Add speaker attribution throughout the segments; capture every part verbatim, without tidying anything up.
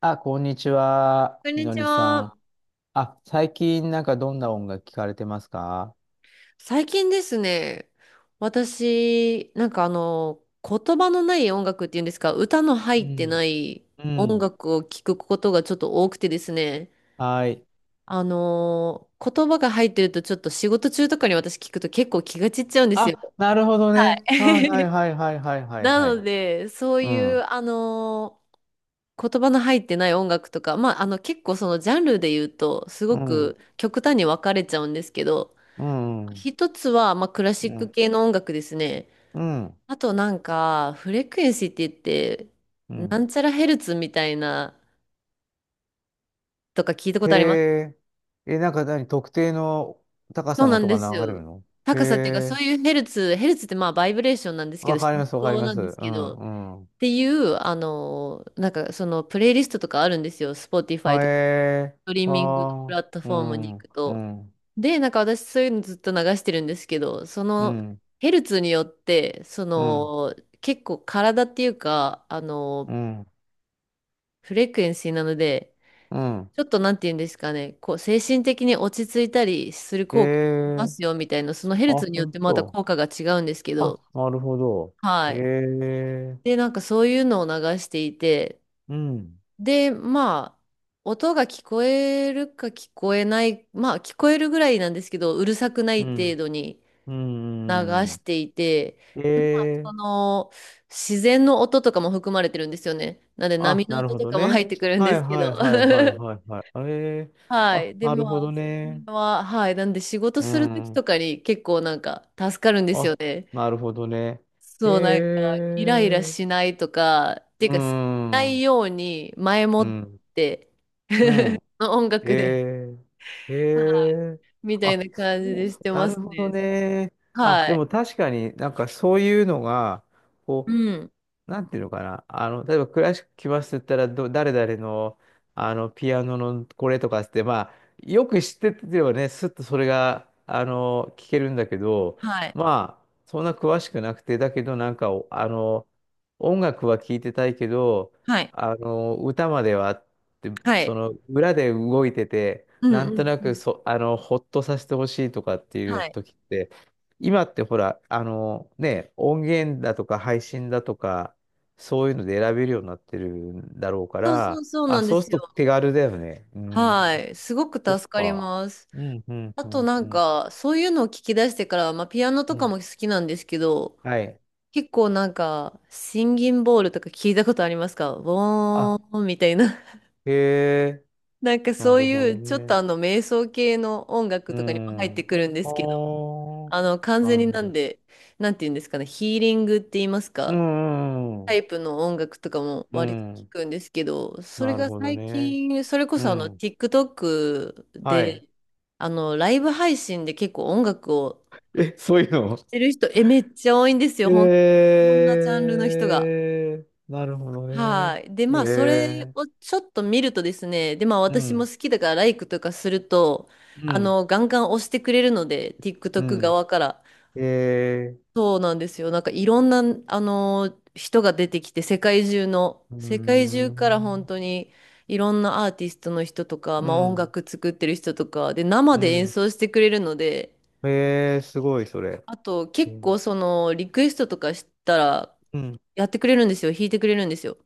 Speaker 1: あ、こんにちは、
Speaker 2: こん
Speaker 1: み
Speaker 2: に
Speaker 1: の
Speaker 2: ち
Speaker 1: りさ
Speaker 2: は。
Speaker 1: ん。あ、最近なんかどんな音楽聞かれてますか？
Speaker 2: 最近ですね、私、なんかあの、言葉のない音楽っていうんですか、歌の入
Speaker 1: う
Speaker 2: って
Speaker 1: ん。
Speaker 2: ない
Speaker 1: う
Speaker 2: 音
Speaker 1: ん。
Speaker 2: 楽を聴くことがちょっと多くてですね、
Speaker 1: はい。
Speaker 2: あの、言葉が入ってるとちょっと仕事中とかに私聞くと結構気が散っちゃうんですよ。
Speaker 1: あ、なるほどね。はいはい はいはいはいはい
Speaker 2: な
Speaker 1: は
Speaker 2: の
Speaker 1: い。
Speaker 2: で、そう
Speaker 1: う
Speaker 2: い
Speaker 1: ん。
Speaker 2: う、あの、言葉の入ってない音楽とか、まあ、あの、結構そのジャンルで言うと、すご
Speaker 1: うん。
Speaker 2: く極端に分かれちゃうんですけど、
Speaker 1: うん。
Speaker 2: 一つは、まあ、クラシ
Speaker 1: う
Speaker 2: ック
Speaker 1: ん。
Speaker 2: 系の音楽ですね。
Speaker 1: うん。
Speaker 2: あとなんか、フレクエンシーって言って、
Speaker 1: う
Speaker 2: な
Speaker 1: ん。
Speaker 2: んちゃらヘルツみたいな、とか聞いたこ
Speaker 1: へ
Speaker 2: とあります
Speaker 1: え。え、なんか何特定の高
Speaker 2: そ
Speaker 1: さ
Speaker 2: う
Speaker 1: の
Speaker 2: なん
Speaker 1: 音が
Speaker 2: です
Speaker 1: 流れる
Speaker 2: よ。
Speaker 1: の？へ
Speaker 2: 高さっていうか、そう
Speaker 1: え。
Speaker 2: いうヘルツ、ヘルツってまあ、バイブレーションなんですけ
Speaker 1: わ
Speaker 2: ど、
Speaker 1: かり
Speaker 2: 振
Speaker 1: ますわかり
Speaker 2: 動
Speaker 1: ま
Speaker 2: な
Speaker 1: す。
Speaker 2: ん
Speaker 1: う
Speaker 2: ですけど、っ
Speaker 1: んうん。
Speaker 2: ていう、あの、なんかその、プレイリストとかあるんですよ。Spotify
Speaker 1: は
Speaker 2: とか。
Speaker 1: え
Speaker 2: トリ
Speaker 1: ー。
Speaker 2: ミングのプ
Speaker 1: は
Speaker 2: ラット
Speaker 1: ー。う
Speaker 2: フォームに行
Speaker 1: ん。
Speaker 2: く
Speaker 1: う
Speaker 2: と。
Speaker 1: ん。
Speaker 2: で、なんか私そういうのずっと流してるんですけど、そ
Speaker 1: う
Speaker 2: の
Speaker 1: ん。
Speaker 2: ヘルツによって、そ
Speaker 1: うん。
Speaker 2: の結構体っていうか、あ
Speaker 1: う
Speaker 2: の、
Speaker 1: ん。
Speaker 2: フレクエンシーなので、
Speaker 1: うん。
Speaker 2: ちょっとなんて言うんですかね、こう精神的に落ち着いたりする
Speaker 1: え
Speaker 2: 効果がありま
Speaker 1: え。
Speaker 2: すよみたいな、そのヘル
Speaker 1: あ、
Speaker 2: ツによっ
Speaker 1: 本
Speaker 2: てまた
Speaker 1: 当。
Speaker 2: 効果が違うんですけ
Speaker 1: あ、
Speaker 2: ど、
Speaker 1: なるほど。
Speaker 2: は
Speaker 1: え
Speaker 2: い。で、
Speaker 1: え。
Speaker 2: なんかそういうのを流していて、
Speaker 1: うん、
Speaker 2: で、まあ、音が聞こえるか聞こえない、まあ、聞こえるぐらいなんですけど、うるさくな
Speaker 1: う
Speaker 2: い程
Speaker 1: ん、
Speaker 2: 度に
Speaker 1: う
Speaker 2: 流
Speaker 1: ん。う
Speaker 2: し
Speaker 1: ん。
Speaker 2: ていて、
Speaker 1: え
Speaker 2: でまあ、そ
Speaker 1: え。
Speaker 2: の、自然の音とかも含まれてるんですよね。なので、波
Speaker 1: あ、
Speaker 2: の
Speaker 1: なる
Speaker 2: 音
Speaker 1: ほ
Speaker 2: と
Speaker 1: ど
Speaker 2: かも
Speaker 1: ね。
Speaker 2: 入ってくるん
Speaker 1: は
Speaker 2: で
Speaker 1: い
Speaker 2: すけ
Speaker 1: はい
Speaker 2: ど。
Speaker 1: はいはい はいはい。ええ。
Speaker 2: は
Speaker 1: あ、
Speaker 2: い。で、
Speaker 1: な
Speaker 2: ま
Speaker 1: るほ
Speaker 2: あ、
Speaker 1: ど
Speaker 2: そ
Speaker 1: ね。
Speaker 2: れは、はい。なんで、仕事
Speaker 1: う
Speaker 2: するとき
Speaker 1: ん。
Speaker 2: とかに結構なんか助かるんですよ
Speaker 1: あ、
Speaker 2: ね。
Speaker 1: なるほどね。え
Speaker 2: そう、なんか、イライラ
Speaker 1: え。
Speaker 2: しないとか、っていう
Speaker 1: う
Speaker 2: か、しな
Speaker 1: ん、う
Speaker 2: い
Speaker 1: ん、
Speaker 2: ように前もって、
Speaker 1: うん。
Speaker 2: の音楽で。
Speaker 1: ええ、え
Speaker 2: はい。
Speaker 1: え、
Speaker 2: みたい
Speaker 1: あ、
Speaker 2: な
Speaker 1: そ
Speaker 2: 感じ
Speaker 1: う
Speaker 2: でし
Speaker 1: そ
Speaker 2: て
Speaker 1: う、な
Speaker 2: ま
Speaker 1: る
Speaker 2: す
Speaker 1: ほど
Speaker 2: ね。
Speaker 1: ね。あ、
Speaker 2: は
Speaker 1: で
Speaker 2: い。
Speaker 1: も確かになんかそういうのが、
Speaker 2: う
Speaker 1: こ、
Speaker 2: ん。
Speaker 1: なんていうのかな。あの、例えばクラシック来ますって言ったら、ど、誰々の、あの、ピアノのこれとかっつって、まあ、よく知っててればね、すっとそれが、あの、聞けるんだけど、
Speaker 2: はい。
Speaker 1: まあ、そんな詳しくなくて、だけどなんか、おあの、音楽は聞いてたいけど、
Speaker 2: はい。
Speaker 1: あの、歌まではって、
Speaker 2: は
Speaker 1: そ
Speaker 2: い。
Speaker 1: の、裏で動いてて、
Speaker 2: うん
Speaker 1: な
Speaker 2: う
Speaker 1: んと
Speaker 2: ん
Speaker 1: な
Speaker 2: う
Speaker 1: く
Speaker 2: ん。
Speaker 1: そ、あの、ほっとさせてほしいとかっていう
Speaker 2: はい。
Speaker 1: 時って、今ってほら、あのね、音源だとか配信だとか、そういうので選べるようになってるんだろうか
Speaker 2: そうそ
Speaker 1: ら、
Speaker 2: うそうな
Speaker 1: あ、
Speaker 2: んで
Speaker 1: そうする
Speaker 2: すよ。
Speaker 1: と手軽だよね。うー
Speaker 2: は
Speaker 1: ん、
Speaker 2: い。すごく
Speaker 1: そっ
Speaker 2: 助かり
Speaker 1: か。
Speaker 2: ます。
Speaker 1: うん、うん、
Speaker 2: あ
Speaker 1: う
Speaker 2: と
Speaker 1: ん、
Speaker 2: な
Speaker 1: う
Speaker 2: ん
Speaker 1: ん、
Speaker 2: か、そういうのを聞き出してから、まあ、ピアノと
Speaker 1: う
Speaker 2: か
Speaker 1: ん。
Speaker 2: も好きなんですけど、
Speaker 1: はい。
Speaker 2: 結構なんか、シンギンボールとか聞いたことありますかボ
Speaker 1: あ、
Speaker 2: ーンみたいな。
Speaker 1: へえ、
Speaker 2: なんか
Speaker 1: な
Speaker 2: そう
Speaker 1: るほ
Speaker 2: い
Speaker 1: ど
Speaker 2: う、ちょっと
Speaker 1: ね。
Speaker 2: あの、瞑想系の音楽
Speaker 1: う
Speaker 2: とかにも入って
Speaker 1: ん。
Speaker 2: くるんで
Speaker 1: あ
Speaker 2: すけど、
Speaker 1: ー、
Speaker 2: あの、完
Speaker 1: な
Speaker 2: 全
Speaker 1: る
Speaker 2: に
Speaker 1: ほ
Speaker 2: なん
Speaker 1: ど。
Speaker 2: で、なんて言うんですかね、ヒーリングって言います
Speaker 1: う
Speaker 2: か、
Speaker 1: ん、うん、
Speaker 2: タ
Speaker 1: う
Speaker 2: イプの音楽とかも
Speaker 1: ん。う
Speaker 2: 割と聞
Speaker 1: ん。
Speaker 2: くんですけど、それ
Speaker 1: なる
Speaker 2: が
Speaker 1: ほど
Speaker 2: 最
Speaker 1: ね。
Speaker 2: 近、それこ
Speaker 1: う
Speaker 2: そあの、
Speaker 1: ん。
Speaker 2: TikTok
Speaker 1: は
Speaker 2: で、
Speaker 1: い。
Speaker 2: あの、ライブ配信で結構音楽を
Speaker 1: え、そういうの？
Speaker 2: やってる人、え、めっちゃ多いんですよ、ほん、こんなジャンルの人が。
Speaker 1: えー、なるほどね。
Speaker 2: はい。で、
Speaker 1: え
Speaker 2: まあ、それ
Speaker 1: ー、
Speaker 2: をちょっと見るとですね、で、まあ、
Speaker 1: う
Speaker 2: 私も
Speaker 1: ん、
Speaker 2: 好きだから、ライクとかすると、
Speaker 1: う
Speaker 2: あ
Speaker 1: ん、
Speaker 2: の、ガンガン押してくれるので、
Speaker 1: う
Speaker 2: TikTok
Speaker 1: ん。
Speaker 2: 側から。
Speaker 1: え
Speaker 2: そうなんですよ。なんかいろんな、あの人が出てきて、世界中の、
Speaker 1: ー、うー
Speaker 2: 世界中から本
Speaker 1: ん、
Speaker 2: 当にいろんなアーティストの人とか、
Speaker 1: う
Speaker 2: まあ、音
Speaker 1: ん、
Speaker 2: 楽作ってる人とか、で、生
Speaker 1: う
Speaker 2: で演
Speaker 1: ん。
Speaker 2: 奏してくれるので、
Speaker 1: えー、すごい、それ。
Speaker 2: あと
Speaker 1: え
Speaker 2: 結
Speaker 1: ー、
Speaker 2: 構そのリクエストとかしたら
Speaker 1: うん。
Speaker 2: やってくれるんですよ。弾いてくれるんですよ。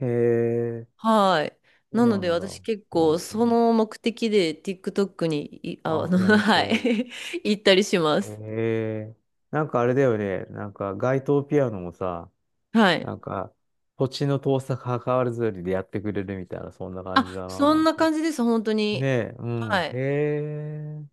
Speaker 1: えー、
Speaker 2: はい。
Speaker 1: そう
Speaker 2: なの
Speaker 1: な
Speaker 2: で
Speaker 1: んだ。
Speaker 2: 私結
Speaker 1: う
Speaker 2: 構そ
Speaker 1: ん、
Speaker 2: の目的で TikTok にい、あ、
Speaker 1: あ、
Speaker 2: あの、
Speaker 1: ほん
Speaker 2: は
Speaker 1: と。
Speaker 2: い。行ったりします。
Speaker 1: えー、なんかあれだよね。なんか、街頭ピアノもさ、
Speaker 2: はい。
Speaker 1: なんか、土地の遠さ関わらずでやってくれるみたいな、そんな感じ
Speaker 2: あ、
Speaker 1: だな、
Speaker 2: そ
Speaker 1: な
Speaker 2: ん
Speaker 1: ん
Speaker 2: な
Speaker 1: か。
Speaker 2: 感じです、本当
Speaker 1: ね
Speaker 2: に。
Speaker 1: え、う
Speaker 2: は
Speaker 1: ん。
Speaker 2: い。
Speaker 1: へえ、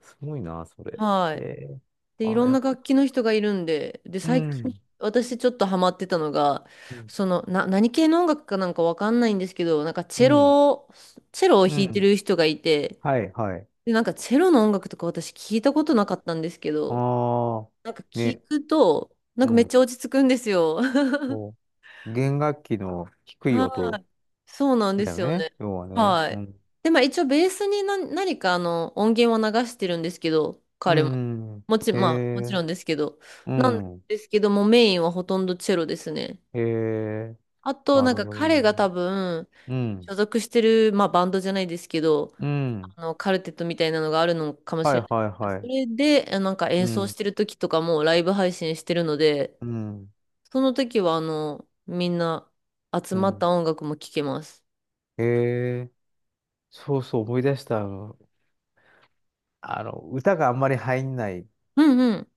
Speaker 1: すごいな、それ。
Speaker 2: は
Speaker 1: へ
Speaker 2: い。
Speaker 1: え、
Speaker 2: で、い
Speaker 1: あ、
Speaker 2: ろん
Speaker 1: や
Speaker 2: な
Speaker 1: っぱ、
Speaker 2: 楽器の人がいるんで、で、
Speaker 1: う
Speaker 2: 最近、
Speaker 1: ん、
Speaker 2: 私ちょっとハマってたのが、
Speaker 1: うん、
Speaker 2: その、な、何系の音楽かなんかわかんないんですけど、なんか
Speaker 1: う
Speaker 2: チェ
Speaker 1: ん、
Speaker 2: ロを、チェロを
Speaker 1: う
Speaker 2: 弾いて
Speaker 1: ん。
Speaker 2: る人がいて、
Speaker 1: はい、はい。
Speaker 2: で、なんかチェロの音楽とか私聞いたことなかったんですけど、
Speaker 1: ああ、
Speaker 2: なんか聞
Speaker 1: ね、
Speaker 2: くと、な
Speaker 1: う
Speaker 2: んかめっ
Speaker 1: ん。
Speaker 2: ちゃ落ち着くんですよ。
Speaker 1: そう。弦楽器の低い
Speaker 2: は
Speaker 1: 音
Speaker 2: い。そうなんで
Speaker 1: だよ
Speaker 2: すよ
Speaker 1: ね、
Speaker 2: ね。
Speaker 1: 要はね。
Speaker 2: は
Speaker 1: う
Speaker 2: い。
Speaker 1: ん。
Speaker 2: で、まあ一応ベースに何、何かあの音源を流してるんですけど、
Speaker 1: う
Speaker 2: 彼も。
Speaker 1: ん。うん。
Speaker 2: もち、
Speaker 1: へ
Speaker 2: まあもち
Speaker 1: え、
Speaker 2: ろんですけど。
Speaker 1: う
Speaker 2: なん
Speaker 1: ん。
Speaker 2: ですけども、メインはほとんどチェロですね。
Speaker 1: へえ、
Speaker 2: あと、
Speaker 1: な
Speaker 2: なん
Speaker 1: るほ
Speaker 2: か
Speaker 1: ど
Speaker 2: 彼が
Speaker 1: ね。
Speaker 2: 多分、
Speaker 1: うん。
Speaker 2: 所属してる、まあバンドじゃないですけど、
Speaker 1: うん。
Speaker 2: あの、カルテットみたいなのがあるのかもし
Speaker 1: は
Speaker 2: れ
Speaker 1: い
Speaker 2: ない
Speaker 1: はい
Speaker 2: けど。
Speaker 1: は
Speaker 2: そ
Speaker 1: い。
Speaker 2: れで、あなんか
Speaker 1: う
Speaker 2: 演奏し
Speaker 1: ん。
Speaker 2: てる時とかもライブ配信してるので、
Speaker 1: うん。
Speaker 2: その時はあの、みんな集
Speaker 1: う
Speaker 2: まっ
Speaker 1: ん。
Speaker 2: た音楽も聴けます。
Speaker 1: へえ、そうそう、思い出した。あの、あの歌があんまり入んない
Speaker 2: うんう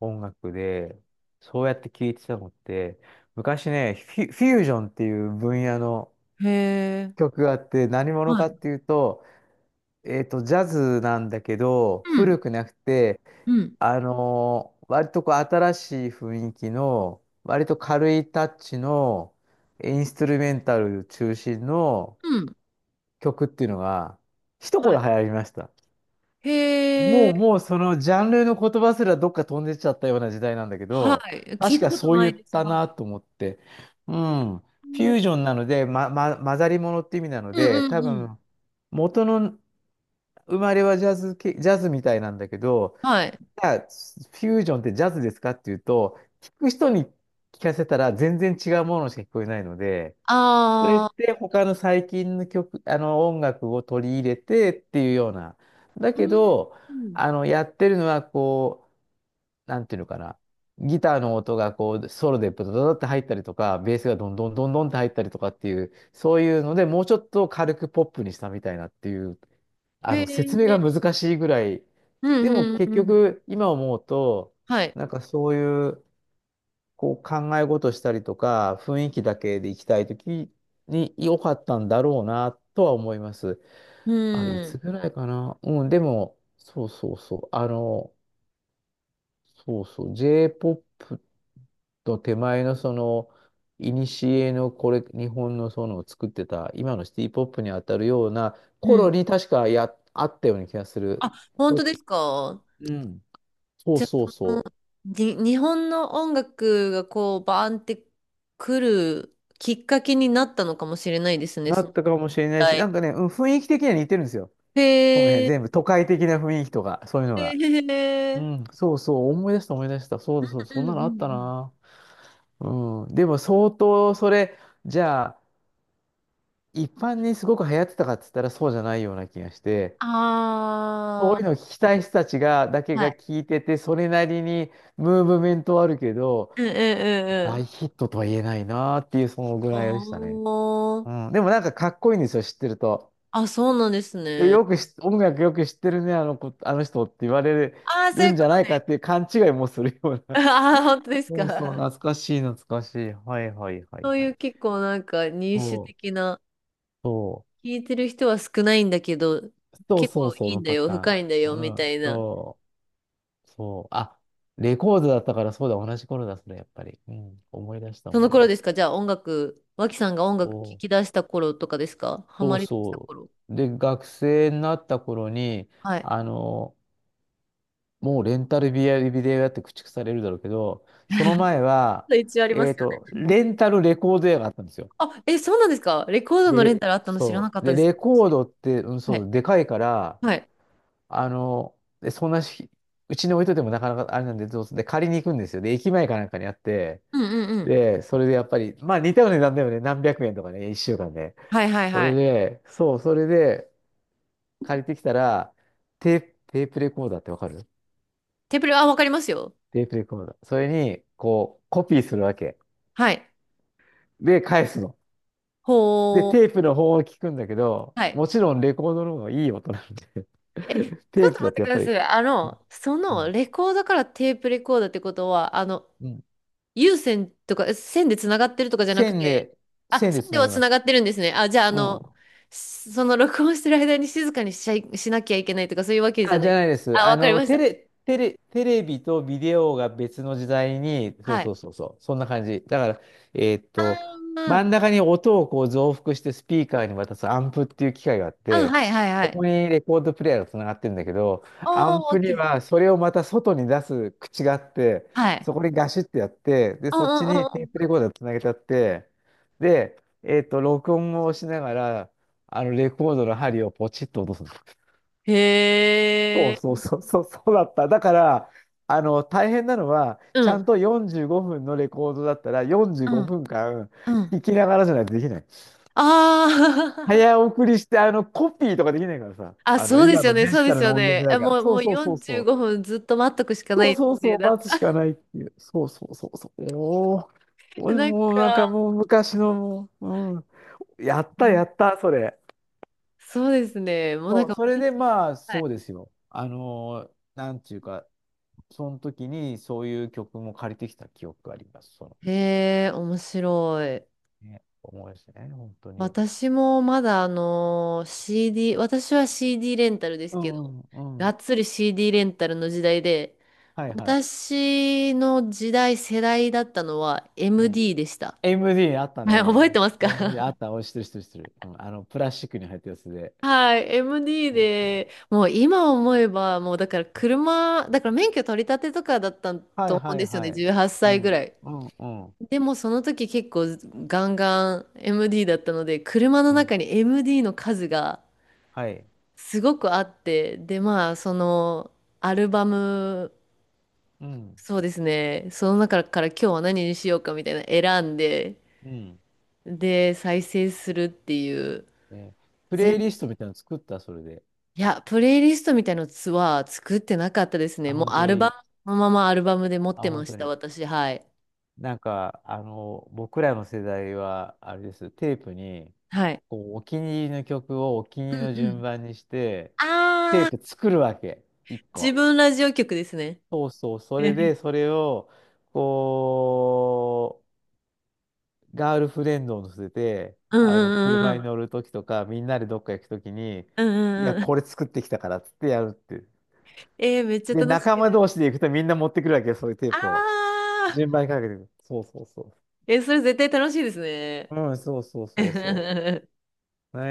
Speaker 1: 音楽で、そうやって聴いてたのって、昔ね、フィ、フュージョンっていう分野の、
Speaker 2: ん。へえ。
Speaker 1: 曲があって、何者
Speaker 2: は
Speaker 1: か
Speaker 2: い。
Speaker 1: っていうと、えっと、ジャズなんだけど、
Speaker 2: うん。
Speaker 1: 古くなくて、
Speaker 2: うん。
Speaker 1: あのー割とこう新しい雰囲気の、割と軽いタッチの、インストゥルメンタル中心の
Speaker 2: うん。
Speaker 1: 曲っていうのが、一
Speaker 2: は
Speaker 1: 頃
Speaker 2: い。
Speaker 1: 流行りました。
Speaker 2: へ
Speaker 1: も
Speaker 2: え。
Speaker 1: う、もうそのジャンルの言葉すらどっか飛んでっちゃったような時代なんだけ
Speaker 2: は
Speaker 1: ど、
Speaker 2: い。聞
Speaker 1: 確
Speaker 2: いた
Speaker 1: か
Speaker 2: こと
Speaker 1: そう
Speaker 2: な
Speaker 1: 言
Speaker 2: い
Speaker 1: っ
Speaker 2: です。
Speaker 1: た
Speaker 2: はい。
Speaker 1: なと思って。うん。フ
Speaker 2: うんうん
Speaker 1: ュージョンなので、ま、ま、混ざり物って意味なの
Speaker 2: う
Speaker 1: で、
Speaker 2: ん
Speaker 1: 多
Speaker 2: うん。
Speaker 1: 分、元の生まれはジャズ系、ジャズみたいなんだけど、
Speaker 2: はい。
Speaker 1: じゃあ、フュージョンってジャズですかっていうと、聞く人に聞かせたら全然違うものしか聞こえないので、それっ
Speaker 2: ああ、
Speaker 1: て他の最近の曲、あの音楽を取り入れてっていうような。だけど、
Speaker 2: うん。
Speaker 1: あの、やってるのはこう、なんていうのかな。ギターの音がこう、ソロでブドドドって入ったりとか、ベースがどんどんどんどんって入ったりとかっていう、そういうので、もうちょっと軽くポップにしたみたいなっていう。あの、
Speaker 2: へ
Speaker 1: 説明が
Speaker 2: え。
Speaker 1: 難しいぐらい。
Speaker 2: う
Speaker 1: で
Speaker 2: ん
Speaker 1: も
Speaker 2: うんう
Speaker 1: 結
Speaker 2: んうん。
Speaker 1: 局、今思うと、
Speaker 2: はい。
Speaker 1: なんかそういう、こう考え事したりとか、雰囲気だけで行きたいときに良かったんだろうな、とは思います。
Speaker 2: う
Speaker 1: あれ、いつ
Speaker 2: ん。
Speaker 1: ぐらいかな。うん、でも、そうそうそう。あの、そうそう。J-ポップ と手前のその、いにしえのこれ、日本のその作ってた、今のシティポップに当たるような
Speaker 2: う
Speaker 1: 頃
Speaker 2: ん。
Speaker 1: に確かや、あったような気がする。
Speaker 2: あ、本
Speaker 1: と、
Speaker 2: 当ですか
Speaker 1: うん。そう
Speaker 2: じゃあ、
Speaker 1: そう
Speaker 2: その
Speaker 1: そ
Speaker 2: に、日本の音楽がこう、バーンって来るきっかけになったのかもしれないです
Speaker 1: う。
Speaker 2: ね。
Speaker 1: な
Speaker 2: そ
Speaker 1: っ
Speaker 2: の
Speaker 1: たかもしれないし、なんかね、うん、雰囲気的には似てるんですよ。その
Speaker 2: へ
Speaker 1: 辺
Speaker 2: え。
Speaker 1: 全部都会的な雰囲気とか、そういうの
Speaker 2: へ
Speaker 1: が。う
Speaker 2: え。
Speaker 1: ん、そうそう、思い出した思い出した。そうだそうだ、
Speaker 2: うん
Speaker 1: そん
Speaker 2: う
Speaker 1: な
Speaker 2: んう
Speaker 1: のあった
Speaker 2: ん
Speaker 1: な。うん、でも相当それ、じゃあ、一般にすごく流行ってたかっつったらそうじゃないような気がして、そうい
Speaker 2: あ
Speaker 1: うのを聞きたい人たちが、だ
Speaker 2: あ、
Speaker 1: け
Speaker 2: は
Speaker 1: が
Speaker 2: い。
Speaker 1: 聞いてて、それなりにムーブメントはあるけど、
Speaker 2: うんうんうんうん。
Speaker 1: 大ヒットとは言えないなっていう、そのぐらいでしたね。
Speaker 2: おー。
Speaker 1: うん、でもなんかかっこいいんですよ、知ってると。
Speaker 2: あ、そうなんです
Speaker 1: え
Speaker 2: ね。
Speaker 1: よくし、音楽よく知ってるね、あの子、あの人って言われ
Speaker 2: ああ、そうい
Speaker 1: る
Speaker 2: う
Speaker 1: ん
Speaker 2: こ
Speaker 1: じゃ
Speaker 2: と
Speaker 1: ないか
Speaker 2: ね。
Speaker 1: っていう勘違いもするよう な。
Speaker 2: ああ、本当です
Speaker 1: そうそう、
Speaker 2: か。
Speaker 1: 懐かしい、懐かしい。はいはいは
Speaker 2: そ
Speaker 1: い
Speaker 2: う
Speaker 1: は
Speaker 2: いう
Speaker 1: い。
Speaker 2: 結構なんか入手
Speaker 1: そう、
Speaker 2: 的な、
Speaker 1: そ
Speaker 2: 聞いてる人は少ないんだけど、
Speaker 1: う、そう
Speaker 2: 結
Speaker 1: そう
Speaker 2: 構
Speaker 1: そう
Speaker 2: いいん
Speaker 1: の
Speaker 2: だ
Speaker 1: パ
Speaker 2: よ、深
Speaker 1: タ
Speaker 2: いんだ
Speaker 1: ー
Speaker 2: よ、み
Speaker 1: ン。うん、
Speaker 2: たいな。
Speaker 1: そう、そう。あ、レコードだったからそうだ、同じ頃だ、それ、やっぱり。うん、思い出した、
Speaker 2: そ
Speaker 1: 思
Speaker 2: の
Speaker 1: い
Speaker 2: 頃
Speaker 1: 出
Speaker 2: で
Speaker 1: し
Speaker 2: す
Speaker 1: た。
Speaker 2: かじゃあ音楽、脇さんが音楽聴
Speaker 1: そ
Speaker 2: き
Speaker 1: う、
Speaker 2: 出した頃とかですかハ
Speaker 1: そ
Speaker 2: マ
Speaker 1: う
Speaker 2: り出した
Speaker 1: そ
Speaker 2: 頃。
Speaker 1: う。で、学生になった頃に、
Speaker 2: はい。
Speaker 1: あの、もうレンタルビデオ屋って駆逐されるだろうけど、その 前は、
Speaker 2: 一応ありま
Speaker 1: え
Speaker 2: す
Speaker 1: っ
Speaker 2: よ
Speaker 1: と、
Speaker 2: ね。
Speaker 1: レンタルレコード屋があったんですよ。
Speaker 2: あ、え、そうなんですかレコード
Speaker 1: で、
Speaker 2: のレン
Speaker 1: レ、
Speaker 2: タルあったの知らな
Speaker 1: そ
Speaker 2: かっ
Speaker 1: う。
Speaker 2: た
Speaker 1: で、
Speaker 2: です。
Speaker 1: レ
Speaker 2: 私
Speaker 1: コードって、うん、
Speaker 2: は
Speaker 1: そ
Speaker 2: い。
Speaker 1: う、でかいから、
Speaker 2: はい。
Speaker 1: あの、で、そんなし、うちに置いといてもなかなかあれなんで、どうすで、借りに行くんですよ。で、駅前かなんかにあって、
Speaker 2: うんうんうん。
Speaker 1: で、それでやっぱり、まあ似たような値段だよね。何百円とかね、一週間で。
Speaker 2: はいはい
Speaker 1: そ
Speaker 2: は
Speaker 1: れ
Speaker 2: い。
Speaker 1: で、そう、それで借りてきたら、テープ、テープレコーダーってわかる？
Speaker 2: テーブル、あ、わかりますよ。
Speaker 1: テープレコーダー。それに、こう、コピーするわけ。
Speaker 2: はい。
Speaker 1: で、返すの。で、
Speaker 2: ほー。
Speaker 1: テープの方を聞くんだけど、
Speaker 2: はい。
Speaker 1: もちろんレコードの方がいい音なんで
Speaker 2: え、ち ょ
Speaker 1: テ
Speaker 2: っ
Speaker 1: ー
Speaker 2: と
Speaker 1: プ
Speaker 2: 待っ
Speaker 1: だ
Speaker 2: て
Speaker 1: と
Speaker 2: く
Speaker 1: やっ
Speaker 2: だ
Speaker 1: ぱ
Speaker 2: さ
Speaker 1: り、
Speaker 2: い。あの、そ
Speaker 1: う
Speaker 2: の
Speaker 1: ん、
Speaker 2: レコーダーからテープレコーダーってことは、あの、
Speaker 1: うん。
Speaker 2: 有線とか、え線でつながってるとかじゃなく
Speaker 1: 線
Speaker 2: て、
Speaker 1: で、
Speaker 2: あ、
Speaker 1: 線で
Speaker 2: 線
Speaker 1: つ
Speaker 2: で
Speaker 1: な
Speaker 2: は
Speaker 1: ぎ
Speaker 2: つ
Speaker 1: ま
Speaker 2: な
Speaker 1: す。
Speaker 2: がってるんですね。あ、じゃあ、あ
Speaker 1: う
Speaker 2: の、
Speaker 1: ん。
Speaker 2: その録音してる間に静かにしちゃい、しなきゃいけないとか、そういうわけじゃ
Speaker 1: あ、
Speaker 2: な
Speaker 1: じ
Speaker 2: い
Speaker 1: ゃ
Speaker 2: で
Speaker 1: な
Speaker 2: す。
Speaker 1: いです。
Speaker 2: あ、
Speaker 1: あ
Speaker 2: わかり
Speaker 1: の、
Speaker 2: まし
Speaker 1: テ
Speaker 2: た。
Speaker 1: レ、テレ、テレビとビデオが別の時代に、そう
Speaker 2: はい。
Speaker 1: そうそうそう、そんな感じ。だから、えーっ
Speaker 2: あ
Speaker 1: と、真
Speaker 2: ー、
Speaker 1: ん中に音をこう増幅してスピーカーに渡すアンプっていう機械があっ
Speaker 2: あ、
Speaker 1: て、
Speaker 2: はいはいは
Speaker 1: そ
Speaker 2: い。
Speaker 1: こにレコードプレイヤーがつながってるんだけど、
Speaker 2: お
Speaker 1: アン
Speaker 2: ー、オッ
Speaker 1: プ
Speaker 2: ケ
Speaker 1: に
Speaker 2: ー。
Speaker 1: はそれをまた外に出す口があって、
Speaker 2: はい。
Speaker 1: そこにガシッてやって、で、
Speaker 2: うんう
Speaker 1: そっち
Speaker 2: ん
Speaker 1: に
Speaker 2: う
Speaker 1: テー
Speaker 2: ん
Speaker 1: プ
Speaker 2: う
Speaker 1: レコーダーつなげちゃって、で、えーっと、録音をしながら、あの、レコードの針をポチッと落とすの。
Speaker 2: ん。
Speaker 1: そ
Speaker 2: へ
Speaker 1: うそう
Speaker 2: ー。
Speaker 1: そうそう、そうだった。だから、あの、大変なのは、
Speaker 2: う
Speaker 1: ちゃん
Speaker 2: ん。
Speaker 1: とよんじゅうごふんのレコードだったら、45
Speaker 2: うん。
Speaker 1: 分間
Speaker 2: うん
Speaker 1: 聞きながらじゃないとできない。
Speaker 2: あ
Speaker 1: 早送りして、あの、コピーとかできないからさ、
Speaker 2: あ、あ、
Speaker 1: あの、
Speaker 2: そうで
Speaker 1: 今
Speaker 2: すよ
Speaker 1: の
Speaker 2: ね、
Speaker 1: デ
Speaker 2: そう
Speaker 1: ジ
Speaker 2: で
Speaker 1: タ
Speaker 2: す
Speaker 1: ル
Speaker 2: よ
Speaker 1: の音源じ
Speaker 2: ね。
Speaker 1: ゃな
Speaker 2: え、
Speaker 1: いから。
Speaker 2: もう、
Speaker 1: そ
Speaker 2: も
Speaker 1: う
Speaker 2: う
Speaker 1: そうそう
Speaker 2: 45
Speaker 1: そう。
Speaker 2: 分ずっと待っとくしかな
Speaker 1: そう
Speaker 2: いです
Speaker 1: そうそ
Speaker 2: ね。
Speaker 1: う、
Speaker 2: だって、
Speaker 1: 待つしか ないっていう。そうそうそうそう。おー、俺
Speaker 2: なん
Speaker 1: もうなんか
Speaker 2: か、
Speaker 1: もう昔のもう、うん。やっ
Speaker 2: う
Speaker 1: たや
Speaker 2: ん
Speaker 1: った、それ。
Speaker 2: そうですね。もうなん
Speaker 1: そう、
Speaker 2: か、
Speaker 1: それで
Speaker 2: 私
Speaker 1: まあ、
Speaker 2: は
Speaker 1: そ
Speaker 2: い。
Speaker 1: うですよ。あのーなんていうか、その時にそういう曲も借りてきた記憶があります。その、
Speaker 2: へえ、面白い。
Speaker 1: ね、思い出してね、本当に。
Speaker 2: 私もまだあのー、シーディー、私は シーディー レンタルです
Speaker 1: う
Speaker 2: け
Speaker 1: ん
Speaker 2: ど、
Speaker 1: うんう
Speaker 2: が
Speaker 1: ん。
Speaker 2: っつり CD レンタルの時代で、
Speaker 1: はいはい。
Speaker 2: 私の時代、世代だったのは
Speaker 1: うん。
Speaker 2: エムディー でした。
Speaker 1: エムディー あった
Speaker 2: はい、覚えて
Speaker 1: ね。
Speaker 2: ます
Speaker 1: エムディー
Speaker 2: か
Speaker 1: あ った。おい、知ってる知ってる知ってる。うん。あの、プラスチックに入ったやつで。
Speaker 2: はい、エムディー
Speaker 1: そうそ
Speaker 2: で、
Speaker 1: う。
Speaker 2: もう今思えば、もうだから車、だから免許取り立てとかだった
Speaker 1: は
Speaker 2: と
Speaker 1: い
Speaker 2: 思うん
Speaker 1: は
Speaker 2: で
Speaker 1: い
Speaker 2: すよ
Speaker 1: は
Speaker 2: ね、
Speaker 1: い。
Speaker 2: 18
Speaker 1: う
Speaker 2: 歳ぐ
Speaker 1: ん。
Speaker 2: らい。
Speaker 1: うんうん
Speaker 2: でもその時結構ガンガン エムディー だったので、車の
Speaker 1: うん。
Speaker 2: 中に エムディー の数が
Speaker 1: はい。
Speaker 2: すごくあって、でまあそのアルバム、
Speaker 1: うん。
Speaker 2: そうですね、その中から今日は何にしようかみたいな選んで、
Speaker 1: うん。
Speaker 2: で再生するっていう、
Speaker 1: えー、プレイ
Speaker 2: 全
Speaker 1: リストみたいなの作った、それで。
Speaker 2: いや、プレイリストみたいなのは作ってなかったですね。
Speaker 1: あ、
Speaker 2: もう
Speaker 1: 本当
Speaker 2: アル
Speaker 1: に。
Speaker 2: バム、そのままアルバムで持っ
Speaker 1: あ、
Speaker 2: てま
Speaker 1: 本
Speaker 2: し
Speaker 1: 当
Speaker 2: た、
Speaker 1: に。
Speaker 2: 私。はい。
Speaker 1: なんか、あの、僕らの世代は、あれです、テープに、
Speaker 2: はい。
Speaker 1: こう、お気に入りの曲をお気に入
Speaker 2: う
Speaker 1: りの
Speaker 2: んう
Speaker 1: 順
Speaker 2: ん。
Speaker 1: 番にして、テ
Speaker 2: ああ、
Speaker 1: ープ作るわけ、一
Speaker 2: 自
Speaker 1: 個。
Speaker 2: 分ラジオ局ですね。
Speaker 1: そうそう、そ
Speaker 2: え
Speaker 1: れで、
Speaker 2: え
Speaker 1: それを、こう、ガールフレンドを乗せて、
Speaker 2: うん
Speaker 1: あの、
Speaker 2: う
Speaker 1: 車
Speaker 2: んうん
Speaker 1: に
Speaker 2: うん。
Speaker 1: 乗るときとか、みんなでどっか行くときに、
Speaker 2: うん
Speaker 1: い
Speaker 2: う
Speaker 1: や、
Speaker 2: んうん。
Speaker 1: これ作ってきたからっつってやるって。
Speaker 2: えー、めっちゃ
Speaker 1: で、
Speaker 2: 楽し
Speaker 1: 仲間
Speaker 2: い。
Speaker 1: 同士で行くとみんな持ってくるわけよ、そういうテープを。
Speaker 2: ああ、
Speaker 1: 順番にかけてくる。そうそうそ
Speaker 2: えそれ絶対楽しいですね。
Speaker 1: う。うん、そうそうそうそ う。ね